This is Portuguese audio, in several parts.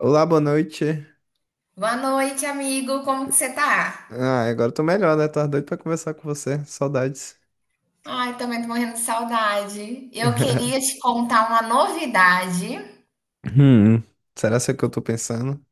Olá, boa noite. Boa noite, amigo. Como que você tá? Ah, agora eu tô melhor, né? Tava doido pra conversar com você. Saudades. Ai, também tô morrendo de saudade. Eu queria te contar uma novidade. Hum, Será que é o que eu tô pensando?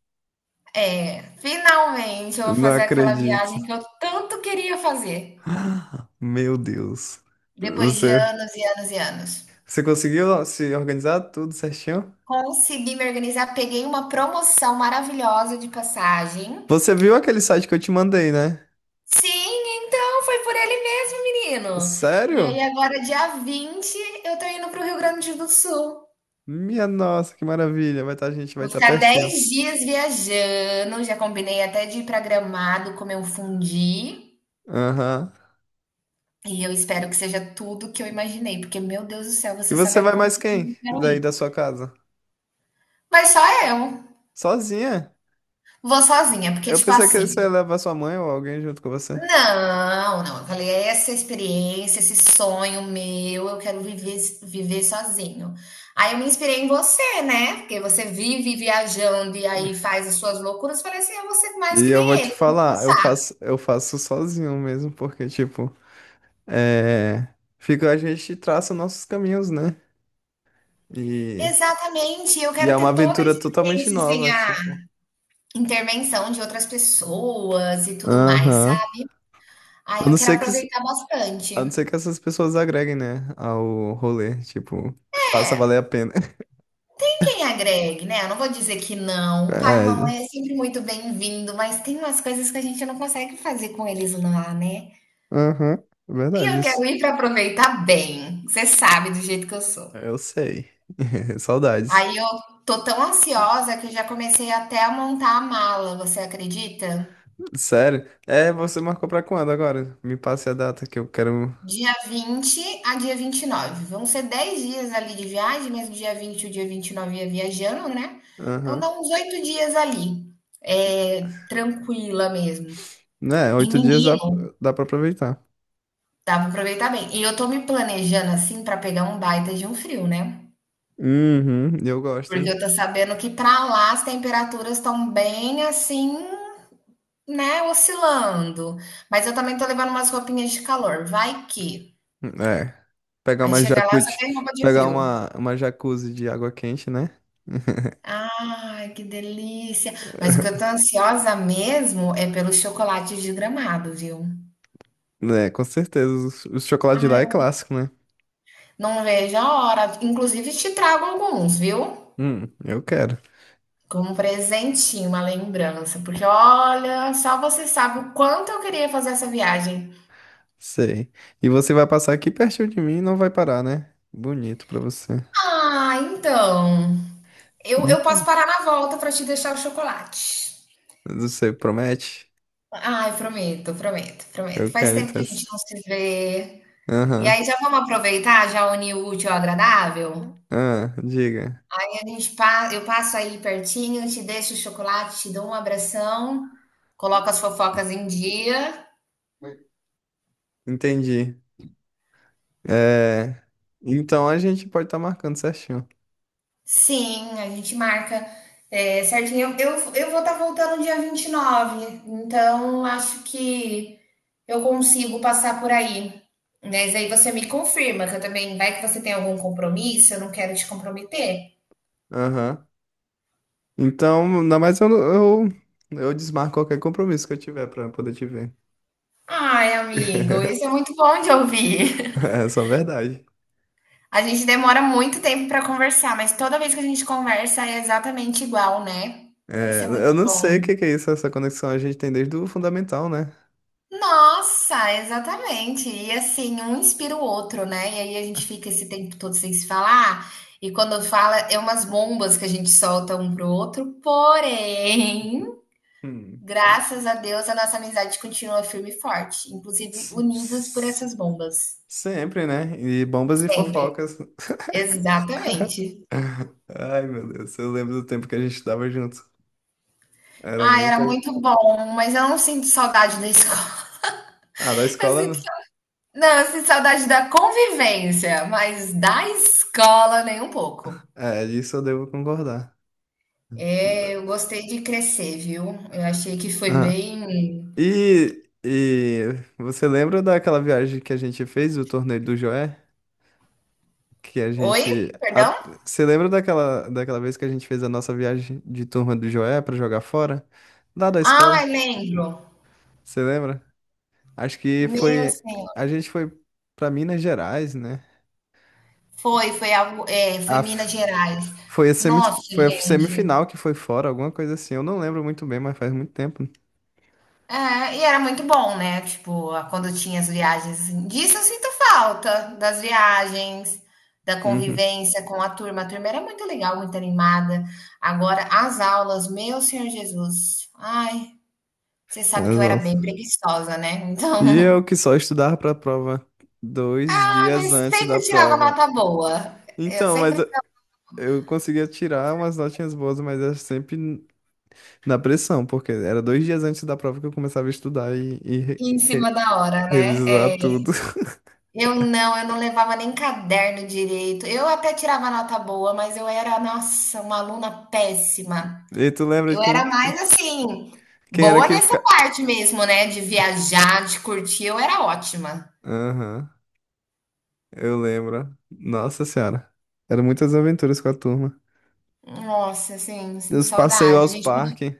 É, finalmente eu vou Não fazer aquela viagem acredito. que eu tanto queria fazer. Meu Deus. Depois de Você, anos e anos e anos. você conseguiu se organizar tudo certinho? Consegui me organizar, peguei uma promoção maravilhosa de passagem. Você viu aquele site que eu te mandei, né? Sim, então foi por ele mesmo, menino. E aí Sério? agora, dia 20 eu tô indo pro Rio Grande do Sul. Minha nossa, que maravilha. Vai estar a gente vai Vou estar ficar pertinho. 10 dias viajando, já combinei até de ir pra Gramado comer um fundi. Aham. E eu espero que seja tudo que eu imaginei, porque, meu Deus do céu, E você sabe você a vai quanto mais tempo quem eu quero daí ir. da sua casa? Mas só eu. Sozinha? Vou sozinha, porque, Eu tipo pensei que você assim. ia levar sua mãe ou alguém junto com você. Não, não. Eu falei, "É essa experiência, esse sonho meu, eu quero viver, viver sozinho." Aí eu me inspirei em você, né? Porque você vive viajando e aí faz as suas loucuras. Falei assim, eu vou ser mais E que eu vou nem te ele, vamos falar, eu pensar. faço, eu faço sozinho mesmo, porque, tipo, é, fica, a gente traça nossos caminhos, né? E, Exatamente, eu e é quero uma ter toda a aventura totalmente experiência sem nova, a tipo. intervenção de outras pessoas e tudo mais, Aham. sabe? Aí A eu não quero ser que, aproveitar a não bastante. ser que essas pessoas agreguem, né, ao rolê, tipo, que faça valer É, a pena. tem quem agregue, né? Eu não vou dizer que não. Pai e É, mamãe é sempre muito bem-vindo, mas tem umas coisas que a gente não consegue fazer com eles lá, né? aham, é E verdade eu isso. quero ir para aproveitar bem. Você sabe do jeito que eu sou. Eu sei. Saudades. Aí eu tô tão ansiosa que eu já comecei até a montar a mala, você acredita? Sério? É, você marcou pra quando agora? Me passe a data que eu quero. Dia 20 a dia 29. Vão ser 10 dias ali de viagem, mas dia 20 e o dia 29 ia viajando, né? Então dá Aham. uns 8 dias ali, é, tranquila mesmo. Né, E oito dias dá, menino, dá pra aproveitar. dá pra aproveitar bem. E eu tô me planejando assim pra pegar um baita de um frio, né? Uhum, eu gosto, Porque hein? eu tô sabendo que pra lá as temperaturas estão bem assim, né, oscilando. Mas eu também tô levando umas roupinhas de calor. Vai que. É. Pegar Aí uma chega lá, só jacuzzi, tem roupa de pegar frio. uma, uma jacuzzi de água quente, né? Ai, que delícia! Mas o que eu tô ansiosa mesmo é pelos chocolates de Gramado, viu? É, com certeza. O chocolate de lá é Ai, clássico, né? não vejo a hora. Inclusive, te trago alguns, viu? Eu quero. Como um presentinho, uma lembrança. Porque olha, só você sabe o quanto eu queria fazer essa viagem. Sei. E você vai passar aqui pertinho de mim e não vai parar, né? Bonito pra você. Ah, então. Eu posso Hum, parar na volta pra te deixar o chocolate. Você promete? Ai, prometo, prometo, prometo. Eu Faz quero, tempo então, que a gente assim. não se vê. E Aham. aí já vamos aproveitar, já unir o útil ao agradável? Ah, diga. A gente pa eu passo aí pertinho, te deixo o chocolate, te dou um abração, coloco as fofocas em dia. Entendi. É. Então a gente pode estar marcando certinho. Sim, a gente marca. É, certinho, eu vou estar voltando dia 29. Então acho que eu consigo passar por aí. Mas aí você me confirma que eu também, vai que você tem algum compromisso, eu não quero te comprometer. Aham. Então, ainda mais eu desmarco qualquer compromisso que eu tiver pra poder te ver. Ai, amigo, isso é muito bom de ouvir. É só verdade. A gente demora muito tempo para conversar, mas toda vez que a gente conversa é exatamente igual, né? É, Isso é eu muito não bom. sei o que que é isso, essa conexão a gente tem desde o fundamental, né? Nossa, exatamente. E assim, um inspira o outro, né? E aí a gente fica esse tempo todo sem se falar. E quando fala, é umas bombas que a gente solta um pro outro. Porém, Hum. graças a Deus, a nossa amizade continua firme e forte, inclusive S- unidos por s- essas bombas. Sempre, né? E bombas e Sempre. fofocas. Exatamente. Ai, meu Deus, eu lembro do tempo que a gente estava junto. Era Ah, era muita. muito bom, mas eu não sinto saudade da escola. Ah, da Eu escola, sinto. né? Não, eu sinto saudade da convivência, mas da escola nem um pouco. É, disso eu devo concordar. É, eu gostei de crescer, viu? Eu achei que foi Ah. bem. E você lembra daquela viagem que a gente fez, o torneio do Joé? Que a Oi? gente. A- Perdão? Você lembra daquela vez que a gente fez a nossa viagem de turma do Joé pra jogar fora? Lá da escola, Ah, lembro. você lembra? Acho que Meu foi. senhor. A gente foi pra Minas Gerais, né? Foi, foi algo, é, A, foi Minas f- Gerais. foi, a semi, Nossa, foi a gente. semifinal que foi fora, alguma coisa assim. Eu não lembro muito bem, mas faz muito tempo. É, e era muito bom, né? Tipo, a- quando tinha as viagens, assim, disso eu sinto falta, das viagens, da Uhum. convivência com a turma. A turma era muito legal, muito animada. Agora, as aulas, meu Senhor Jesus. Ai, você sabe que eu era bem Exato. preguiçosa, né? E eu Então, que só estudava pra prova dois ah, dias mas antes da sempre tirava prova. nota boa. Eu Então, mas sempre eu conseguia tirar umas notinhas boas, mas eu sempre na pressão, porque era dois dias antes da prova que eu começava a estudar e ia em re- cima da hora, né? revisar tudo. Eu não levava nem caderno direito. Eu até tirava nota boa, mas eu era, nossa, uma aluna péssima. E tu lembra de Eu era quem, mais assim, quem era boa que nessa ficava? parte mesmo, né? De viajar, de curtir, eu era ótima. Aham, eu lembro. Nossa Senhora. Eram muitas aventuras com a turma. Nossa, assim, sinto Os passeios saudade. A aos gente podia. parques,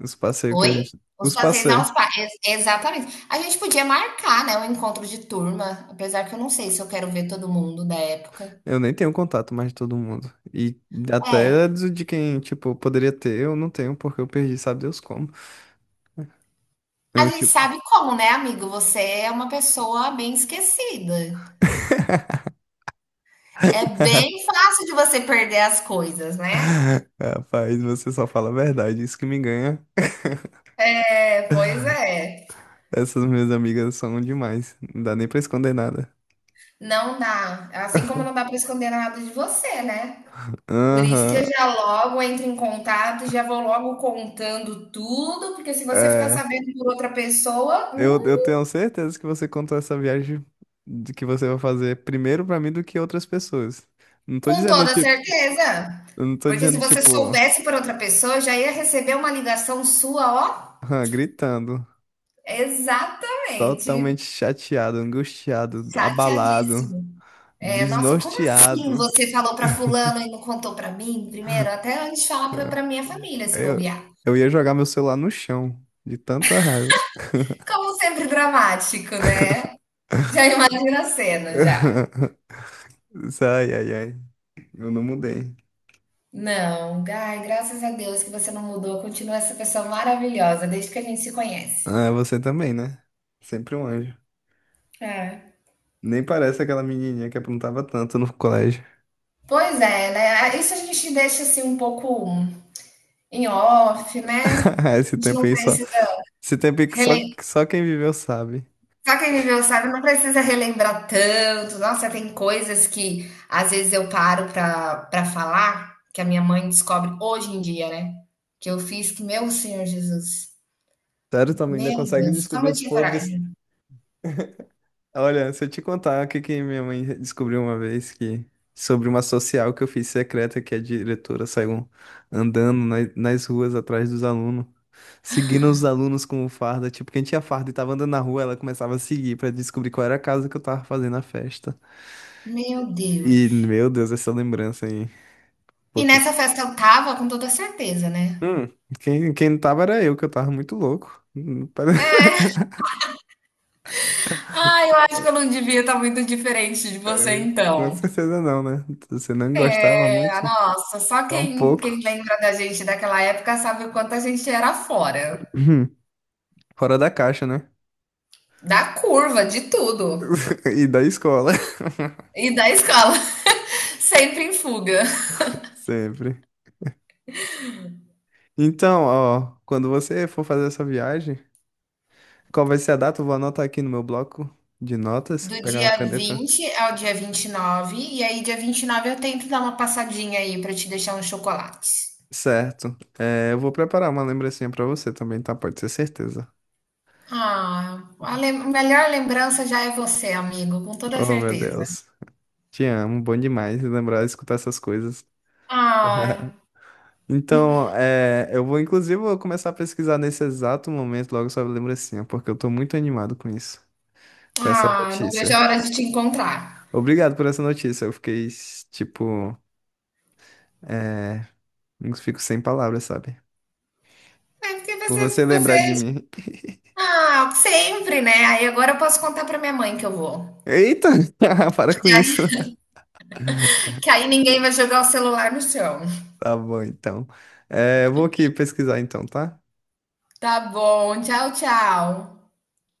os passeios que a Oi? gente. Os Os passeios passeios. aos pais. Exatamente. A gente podia marcar, né? Um encontro de turma, apesar que eu não sei se eu quero ver todo mundo da época. Eu nem tenho contato mais de todo mundo. E É. até de quem, tipo, poderia ter, eu não tenho, porque eu perdi, sabe Deus como. A Eu, gente tipo, sabe como, né, amigo? Você é uma pessoa bem esquecida. É bem fácil de você perder as coisas, né? rapaz, você só fala a verdade, isso que me ganha. É, pois é. Essas minhas amigas são demais. Não dá nem pra esconder nada. Não dá, assim como não dá para esconder nada de você, né. Por isso que eu Aham. já logo entro em contato, já vou logo contando tudo, porque se você ficar É. sabendo por outra pessoa, Eu tenho certeza que você contou essa viagem de que você vai fazer primeiro pra mim do que outras pessoas. Não tô com dizendo, toda tipo, certeza. eu não tô Porque se dizendo, você tipo, soubesse por outra pessoa, já ia receber uma ligação sua, ó ah, gritando, exatamente, totalmente chateado, angustiado, abalado, chateadíssimo. É, nossa, como assim desnorteado. você falou para fulano e não contou para mim primeiro? Até antes de falar para Ah, para minha família, se Eu, bobear. eu ia jogar meu celular no chão, de tanta raiva. Como sempre dramático, né. Já imagina a cena, já. Ai, ai, ai. Eu não mudei. Não, ai, graças a Deus que você não mudou, continua essa pessoa maravilhosa desde que a gente se conhece. Ah, você também, né? Sempre um anjo. É. Nem parece aquela menininha que aprontava tanto no colégio. Pois é, né? Isso a gente deixa assim um pouco em off, né? A Esse gente tempo não aí só. precisa Esse tempo aí que só, relembrar. só quem viveu sabe. Só quem viveu sabe, não precisa relembrar tanto. Nossa, tem coisas que às vezes eu paro pra falar, que a minha mãe descobre hoje em dia, né? Que eu fiz que, meu Senhor Jesus, Sério, tua mãe ainda meu consegue Deus, descobrir como eu os tinha podres. coragem. Olha, se eu te contar o que que minha mãe descobriu uma vez que. Sobre uma social que eu fiz secreta, que a diretora saiu andando nas ruas atrás dos alunos, seguindo os alunos com farda. Tipo, quem tinha farda e tava andando na rua, ela começava a seguir pra descobrir qual era a casa que eu tava fazendo a festa. Meu E, Deus. meu Deus, essa lembrança aí. E Porque, nessa festa eu tava com toda certeza, né? hum, quem não tava era eu, que eu tava muito louco. Ah, eu acho que eu não devia estar muito diferente de você Com então. certeza não, né? Você não gostava muito? É, nossa, só Só um quem, pouco. quem lembra da gente daquela época sabe o quanto a gente era fora. Hum, Fora da caixa, né? Da curva, de tudo. E da escola. E da escola, sempre em fuga. Sempre. Então, ó, quando você for fazer essa viagem, qual vai ser a data? Eu vou anotar aqui no meu bloco de notas, Do pegar uma dia caneta. 20 ao dia 29, e nove. E aí dia 29 eu tento dar uma passadinha aí pra te deixar uns chocolates. Certo. É, eu vou preparar uma lembrancinha pra você também, tá? Pode ter certeza. Ah, a lem- melhor lembrança já é você, amigo, com toda Oh, meu certeza. Deus. Te amo, bom demais lembrar, escutar essas coisas. Ah, Então, eu vou, inclusive, vou começar a pesquisar nesse exato momento, logo sobre a lembrancinha, porque eu tô muito animado com isso, com essa ah, não vejo notícia. a hora de te encontrar. Obrigado por essa notícia, eu fiquei, tipo, é, eu fico sem palavras, sabe? É porque Por você, você lembrar de você, mim. ah, sempre, né? Aí agora eu posso contar pra minha mãe que eu vou. Eita! Para com isso. Que aí ninguém vai jogar o celular no chão. Tá bom, então. É, eu vou aqui pesquisar, então, tá? Tá bom, tchau, tchau.